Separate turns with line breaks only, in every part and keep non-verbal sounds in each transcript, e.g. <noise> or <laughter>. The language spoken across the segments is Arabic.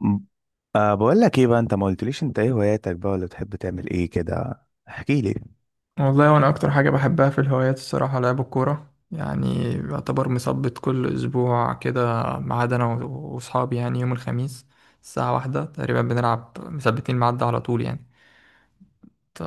م- أه بقول لك ايه بقى؟ انت ما قلتليش انت ايه هواياتك بقى، ولا بتحب تعمل ايه كده. احكي لي.
والله وانا اكتر حاجه بحبها في الهوايات الصراحه لعب الكوره، يعني يعتبر مثبت كل اسبوع كده، ما عدا انا واصحابي، يعني يوم الخميس الساعه واحدة تقريبا بنلعب، مثبتين ميعاد على طول يعني. انت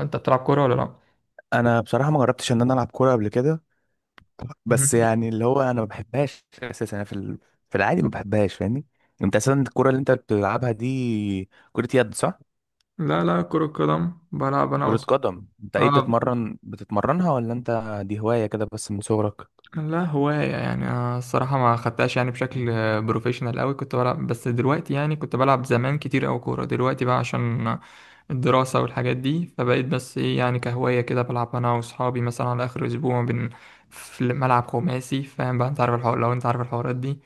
انت بتلعب كوره ولا لا؟
انا بصراحه ما جربتش ان انا العب كوره قبل كده. بس
مهم.
يعني اللي هو انا ما بحبهاش اساسا. انا في في العادي ما بحبهاش، فاهمني؟ انت اساسا الكوره اللي انت بتلعبها دي كره يد صح؟
لا لا، كره قدم بلعب انا
كره قدم، انت ايه،
اه،
بتتمرنها ولا انت دي هوايه كده بس من صغرك؟
لا هواية يعني، أنا الصراحة ما خدتهاش يعني بشكل بروفيشنال قوي، كنت بلعب، بس دلوقتي يعني كنت بلعب زمان كتير أوي كورة، دلوقتي بقى عشان الدراسة والحاجات دي، فبقيت بس إيه يعني كهواية كده، بلعب أنا وأصحابي مثلا على آخر أسبوع في ملعب خماسي، فاهم بقى، أنت عارف الحوار، لو أنت عارف الحوارات دي،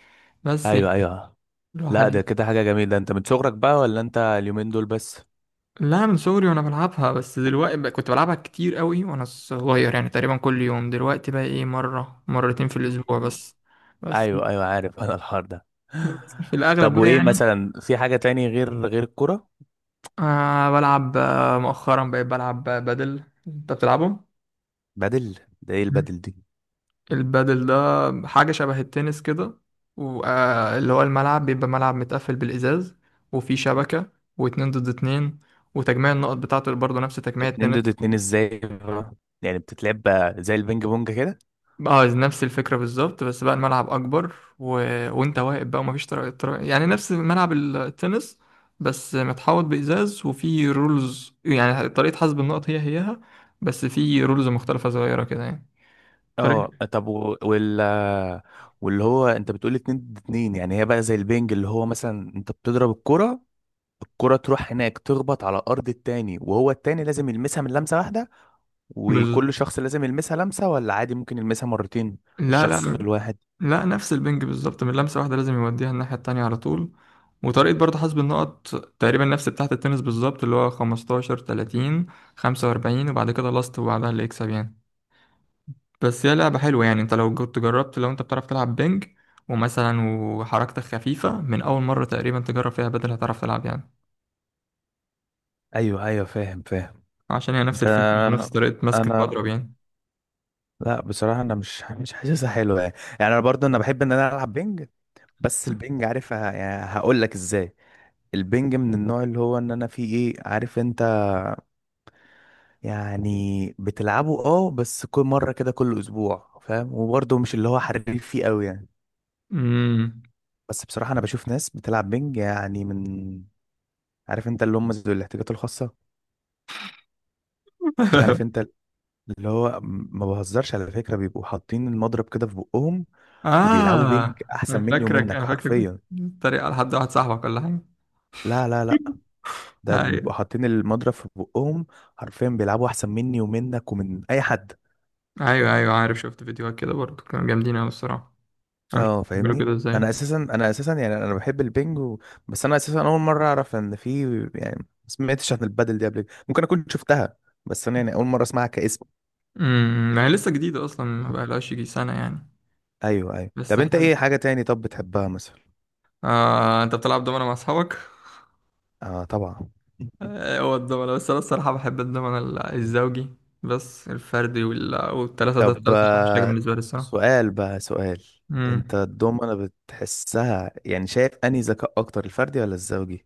بس يعني
ايوه ايوه. لا ده
الواحد.
كده حاجه جميله. انت من صغرك بقى ولا انت اليومين دول بس؟
لا، من صغري وأنا بلعبها، بس دلوقتي بقى كنت بلعبها كتير أوي وأنا صغير، يعني تقريبا كل يوم، دلوقتي بقى إيه، مرة مرتين في الأسبوع
<laughs>
بس. بس
ايوه ايوه، عارف انا الحوار ده.
بس في
طب
الأغلب بقى
وايه
يعني.
مثلا، في حاجة تاني غير الكرة؟
بلعب، مؤخرا بقيت بلعب بدل، انت بتلعبه؟
بدل؟ ده ايه
مم.
البدل دي؟
البادل ده حاجة شبه التنس كده، واللي هو الملعب بيبقى ملعب متقفل بالإزاز، وفيه شبكة، واتنين ضد اتنين، وتجميع النقط بتاعته برضه نفس تجميع
اتنين ضد
التنس.
اتنين ازاي بقى؟ يعني بتتلعب زي البينج بونج كده؟
اه، نفس الفكرة بالظبط، بس بقى الملعب أكبر وانت واقف بقى، ومفيش طرق، يعني نفس ملعب التنس، بس متحوط بإزاز، وفيه رولز، يعني طريقة حسب النقط هيها، بس في رولز مختلفة صغيرة كده يعني طريق
اه طب وال واللي هو انت بتقول اتنين ضد اتنين، يعني هي بقى زي البينج، اللي هو مثلا انت بتضرب الكرة، الكرة تروح هناك تخبط على ارض التاني، وهو التاني لازم يلمسها من لمسة واحدة.
بز...
وكل شخص لازم يلمسها لمسة، ولا عادي ممكن يلمسها مرتين
لا
الشخص
لا
الواحد؟
لا، نفس البنج بالظبط، من لمسة واحدة لازم يوديها الناحية التانية على طول، وطريقة برضه حسب النقط تقريبا نفس بتاعة التنس بالظبط، اللي هو 15 30 45 وبعد كده لاست، وبعدها اللي يكسب يعني. بس هي لعبة حلوة يعني، انت لو كنت جربت، لو انت بتعرف تلعب بنج ومثلا وحركتك خفيفة، من أول مرة تقريبا تجرب فيها بدل هتعرف تلعب يعني،
ايوه ايوه، فاهم فاهم.
عشان هي
ب...
نفس الفكرة، نفس طريقة مسك
انا،
المضرب يعني.
لا بصراحه انا مش حاسسها حلوه يعني. يعني انا برضو انا بحب ان انا العب بينج، بس البينج، عارف يعني هقول لك ازاي، البينج من النوع اللي هو ان انا فيه ايه، عارف انت؟ يعني بتلعبه اه، بس كل مره كده كل اسبوع، فاهم، وبرضو مش اللي هو حريف فيه قوي يعني.
امم.
بس بصراحه انا بشوف ناس بتلعب بينج يعني من، عارف انت، اللي هم ذو الاحتياجات الخاصه. عارف
<laughs>
انت، اللي هو ما بهزرش على فكره، بيبقوا حاطين المضرب كده في بقهم، وبيلعبوا بينج
اه، انا
احسن مني
فاكرك
ومنك
انا فاكرك
حرفيا.
بتتريق على حد واحد صاحبك ولا حاجه؟
لا لا لا، ده
ايوه
بيبقوا حاطين المضرب في بقهم، حرفيا بيلعبوا احسن مني ومنك ومن اي حد.
ايوه، ايوه عارف، شفت فيديوهات كده برضه كانوا جامدين قوي الصراحه. انا مش عارف
اه
بيعملوا
فاهمني.
كده ازاي.
انا اساسا، انا بحب البينج بس انا اساسا اول مره اعرف ان في، يعني ما سمعتش عن البادل دي قبل كده. ممكن اكون شفتها، بس انا يعني اول مره اسمعها كاسم.
ما هي لسه جديده اصلا، ما بقالهاش يجي سنه يعني.
ايوه ايوه. طب
لسه
انت
حلو.
ايه حاجه تاني طب بتحبها مثلا؟
انت بتلعب دومنه مع اصحابك؟
اه طبعا. <laughs>
هو الدومنه، بس انا الصراحه بحب الدومنه الزوجي، بس الفردي والثلاثه ده،
طب
الثلاثه مش حاجه بالنسبه لي الصراحه.
سؤال بقى سؤال. انت
امم.
الدومنة بتحسها يعني، شايف انهي ذكاء اكتر، الفردي ولا الزوجي؟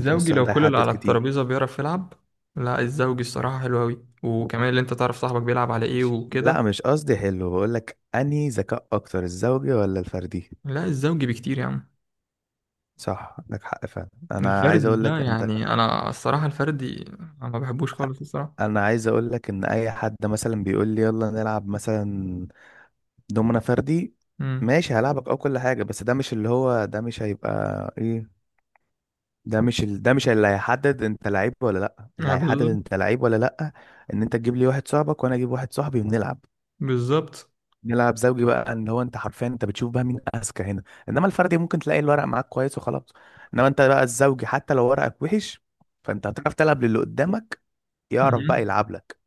عشان السؤال
لو
ده
كل اللي
يحدد
على
كتير.
الترابيزة بيعرف يلعب. لا، الزوجي الصراحة حلو أوي، وكمان اللي أنت تعرف صاحبك بيلعب على إيه
مش...
وكده.
لا مش قصدي حلو، بقول لك انهي ذكاء اكتر، الزوجي ولا الفردي؟
لا، الزوجي بكتير يا عم.
صح، عندك حق فعلا. انا عايز
الفردي
اقول
ده
لك انت،
يعني، أنا الصراحة الفردي أنا ما بحبوش خالص الصراحة.
انا عايز اقول لك ان اي حد مثلا بيقول لي يلا نلعب مثلا دومنة فردي،
امم
ماشي هلعبك او كل حاجة، بس ده مش اللي هو ده مش هيبقى ايه، ده مش ده مش اللي هيحدد انت لعيب ولا لا. اللي هيحدد
بالظبط.
انت لعيب ولا لا ان انت تجيب لي واحد صاحبك وانا اجيب واحد صاحبي ونلعب.
بالظبط.
نلعب زوجي بقى، ان هو انت حرفيا انت بتشوف بقى مين اذكى هنا. انما الفردي ممكن تلاقي الورق معاك كويس وخلاص. انما انت بقى الزوجي حتى لو ورقك وحش، فانت هتعرف تلعب للي قدامك، يعرف بقى
مهم.
يلعب لك.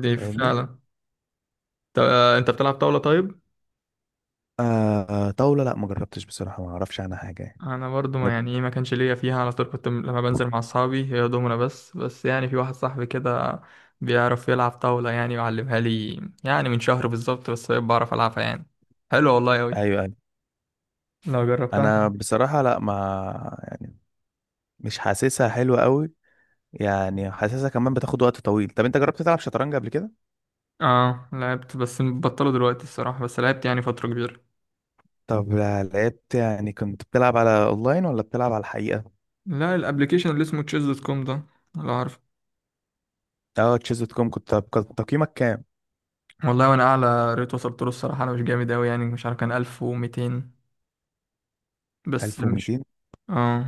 دي
فاهمني.
فعلا. طب، أنت بتلعب طاولة طيب؟
آه طاولة، لا ما جربتش بصراحة، ما اعرفش عنها حاجة يعني.
انا برضو
انا
ما يعني ايه، ما كانش ليا فيها على طول، كنت لما بنزل مع اصحابي هي دومنا بس يعني في واحد صاحبي كده بيعرف يلعب طاولة يعني، وعلمها لي يعني من شهر بالظبط، بس بعرف العبها يعني. حلو والله اوي
ايوه انا
لو جربتها.
أنا بصراحة لا ما يعني، مش حاسسها حلوة قوي. يعني حاسسها كمان بتاخد وقت طويل. طب انت جربت تلعب شطرنج قبل كده؟
اه لعبت، بس بطلوا دلوقتي الصراحة، بس لعبت يعني فترة كبيرة.
طب لعبت يعني، كنت بتلعب على اونلاين ولا بتلعب على الحقيقة؟
لا، الابليكيشن اللي اسمه chess.com ده، لا عارف.
اه تشيز دوت كوم، كنت كان تقييمك كام؟
والله وانا اعلى ريت وصلت له الصراحة، انا مش جامد اوي يعني، مش عارف كان 1200، بس مش،
1200؟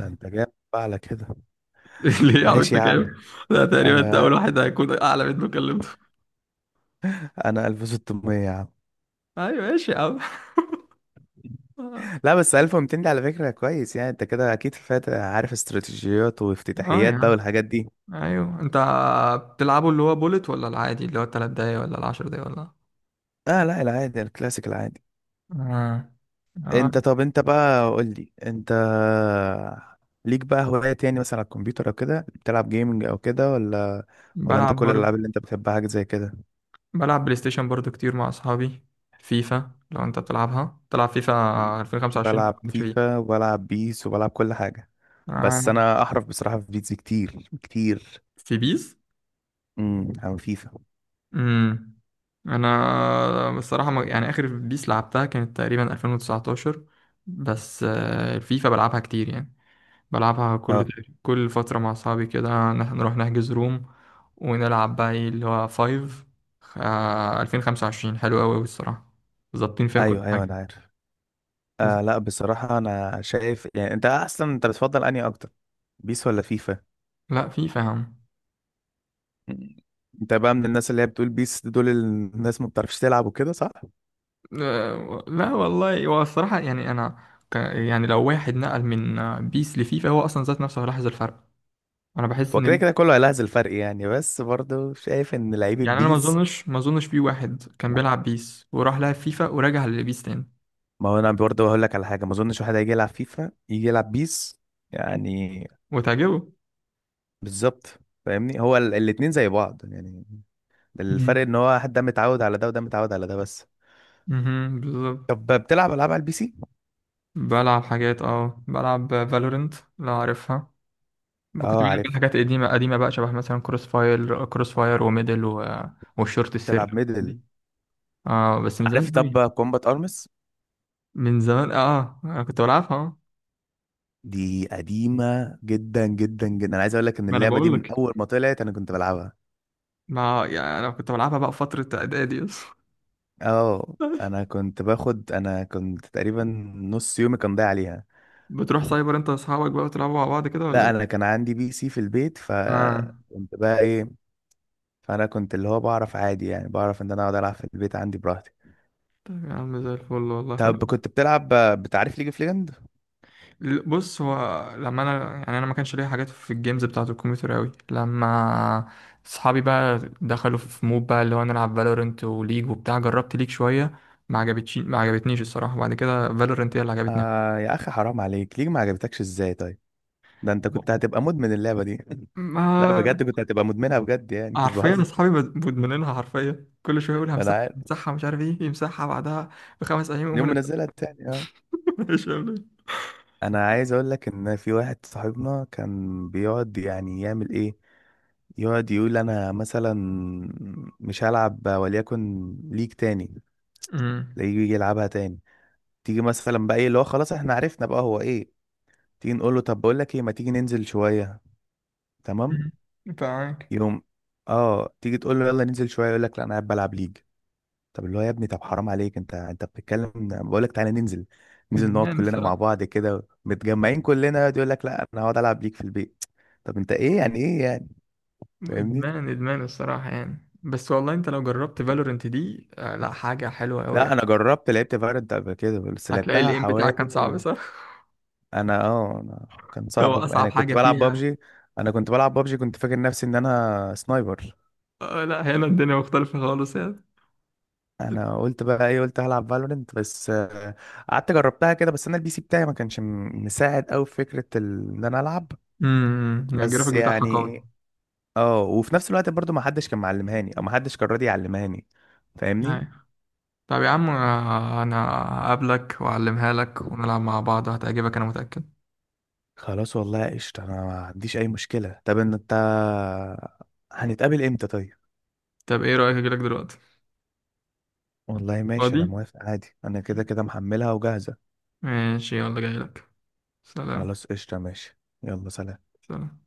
ده انت جايب <laughs> بقى على كده.
<laughs> ليه يا عم
ماشي
انت
يا عم.
كام؟ ده
<laughs>
تقريبا انت
انا
اول واحد هيكون اعلى منه كلمته.
انا 1600 يا عم.
ايوه ماشي يا عم. <laughs>
لا بس 1200 دي على فكرة كويس يعني، انت كده اكيد فات، عارف استراتيجيات
اه يا
وافتتاحيات بقى
عم.
والحاجات دي.
ايوه، انت بتلعبه اللي هو بولت، ولا العادي اللي هو التلات دقايق، ولا العشر دقايق ولا؟
اه لا العادي، الكلاسيك العادي.
اه، اه
انت طب انت بقى قول لي انت، ليك بقى هوايات يعني مثلا على الكمبيوتر او كده، بتلعب جيمنج او كده، ولا ولا انت
بلعب
كل
برضه،
الالعاب اللي انت بتحبها حاجه زي كده؟
بلعب بلاي ستيشن برضه كتير مع اصحابي. فيفا، لو انت بتلعبها، تلعب فيفا 2025 ولا
بلعب
مالكش فيه؟
فيفا وبلعب بيس وبلعب كل حاجه. بس
آه.
انا احرف بصراحه في بيس كتير
في بيس.
عن فيفا.
امم. انا بصراحه يعني اخر بيس لعبتها كانت تقريبا 2019، بس، الفيفا بلعبها كتير يعني، بلعبها كل
اه
فتره مع اصحابي كده نروح نحجز روم، ونلعب بقى، ايه اللي هو فايف 2025 حلو قوي الصراحه، ظابطين فيها كل
ايوه ايوه، انا
حاجه.
عارف. آه لا بصراحه انا شايف يعني، انت اصلا انت بتفضل انهي اكتر، بيس ولا فيفا؟
لا فيفا يا عم.
مم. انت بقى من الناس اللي هي بتقول بيس دول الناس ما بتعرفش تلعب وكده صح؟
لا والله، هو الصراحه يعني انا يعني لو واحد نقل من بيس لفيفا، هو اصلا ذات نفسه هيلاحظ الفرق. انا بحس
هو
ان
كده كده كله هيلاحظ الفرق يعني، بس برضه شايف ان لعيب
يعني، انا
البيس.
ما اظنش في واحد كان بيلعب بيس وراح لعب فيفا ورجع للبيس تاني.
ما هو انا برضه هقول لك على حاجه، ما اظنش واحد هيجي يلعب فيفا يجي يلعب بيس يعني.
وتعجبه.
بالظبط. فاهمني، الاتنين زي بعض يعني. الفرق
مم.
ان هو حد ده متعود على ده وده متعود على ده بس.
بالظبط.
طب بتلعب العاب على البي سي؟
بلعب حاجات، بلعب فالورنت لو عارفها. كنت
اه
بلعب
عارفها.
حاجات قديمة قديمة بقى، شبه مثلا كروس فاير وميدل والشورت السري
بتلعب
دي،
ميدل؟
اه بس من
عارف؟
زمان قوي.
طب كومبات ارمس،
من زمان، اه انا كنت بلعبها اه.
دي قديمه جدا جدا جدا. انا عايز اقول لك ان
ما انا
اللعبه دي
بقول
من
لك،
اول ما طلعت انا كنت بلعبها.
ما يعني انا كنت بلعبها بقى في فترة اعدادي اصلا.
اه انا كنت باخد، انا كنت تقريبا نص يومي كان ضايع عليها.
<laughs> بتروح سايبر انت واصحابك بقى، وتلعبوا مع بعض كده ولا
لا انا
ايه؟
كان عندي بي سي في البيت،
اه
فكنت بقى ايه، فانا كنت اللي هو بعرف عادي يعني، بعرف ان انا اقعد العب في البيت عندي براحتي.
طيب يا عم، زي الفل والله
طب
حلو.
كنت بتلعب، بتعرف ليج اوف ليجند؟
بص هو، لما انا يعني انا ما كانش ليا حاجات في الجيمز بتاعه الكمبيوتر قوي، لما اصحابي بقى دخلوا في مود بقى اللي هو نلعب فالورنت وليج وبتاع، جربت ليج شويه، ما عجبتنيش الصراحه، وبعد كده فالورنت هي اللي عجبتني.
آه يا اخي حرام عليك، ليه ما عجبتكش ازاي طيب؟ ده انت كنت هتبقى مدمن اللعبة دي. <laughs> لا
ما،
بجد كنت هتبقى مدمنها بجد يعني، مش
حرفيا
بهزر.
اصحابي مدمنينها، حرفيا كل شويه يقول
ما انا
همسحها
عارف.
همسحها، مش عارف ايه، يمسحها بعدها بخمس ايام يقوم
يوم
منزلها.
منزلها التاني آه.
<laughs> مش فاهم ليه.
انا عايز اقول لك ان في واحد صاحبنا كان بيقعد يعني يعمل ايه، يقعد يقول انا مثلا مش هلعب وليكن ليج تاني،
أمم.
تلاقيه يجي يلعبها تاني. تيجي مثلا بقى ايه اللي هو خلاص احنا عرفنا بقى هو ايه، تيجي نقول له طب بقول لك ايه، ما تيجي ننزل شويه، تمام؟
أمم. فاهمك.
يوم، اه تيجي تقول له يلا ننزل شويه، يقول لك لا انا قاعد بلعب ليج. طب اللي هو يا ابني طب حرام عليك، انت بتتكلم بقول لك تعالى ننزل، ننزل نقعد
ادمان
كلنا مع
الصراحه.
بعض كده متجمعين كلنا، يقعد يقول لك لا انا هقعد العب ليك في البيت. طب انت ايه يعني، ايه يعني؟ فاهمني.
ادمان ادمان الصراحه يعني، بس والله انت لو جربت فالورنت دي لا، حاجه حلوه قوي
لا
يعني.
انا جربت لعبت فالورانت قبل كده، بس
هتلاقي
لعبتها
الايم بتاعك
حوالي،
كان صعب، صح؟
انا كان
<laughs> هو
صعب
اصعب
يعني، كنت
حاجه
بلعب
فيها.
بابجي. انا كنت بلعب بابجي كنت فاكر نفسي ان انا سنايبر.
آه لا، هنا الدنيا مختلفه خالص يعني.
انا قلت بقى ايه، قلت هلعب فالورنت، بس قعدت جربتها كده، بس انا البي سي بتاعي ما كانش مساعد قوي في فكره ان انا العب. بس
الجرافيك بتاعها
يعني
قوي.
اه، وفي نفس الوقت برضو ما حدش كان معلمهاني، او ما حدش كان راضي يعلمهاني، فاهمني.
أيوة. طب يا عم، انا هقابلك واعلمها لك ونلعب مع بعض، هتعجبك انا متاكد.
خلاص والله قشطة، انا ما عنديش اي مشكلة. طب ان انت هنتقابل امتى طيب؟
طب ايه رايك اجيلك دلوقتي؟
والله ماشي، انا
فاضي.
موافق عادي، انا كده كده محملها وجاهزة.
ماشي يلا جايلك. سلام.
خلاص قشطة، ماشي، يلا سلام.
سلام.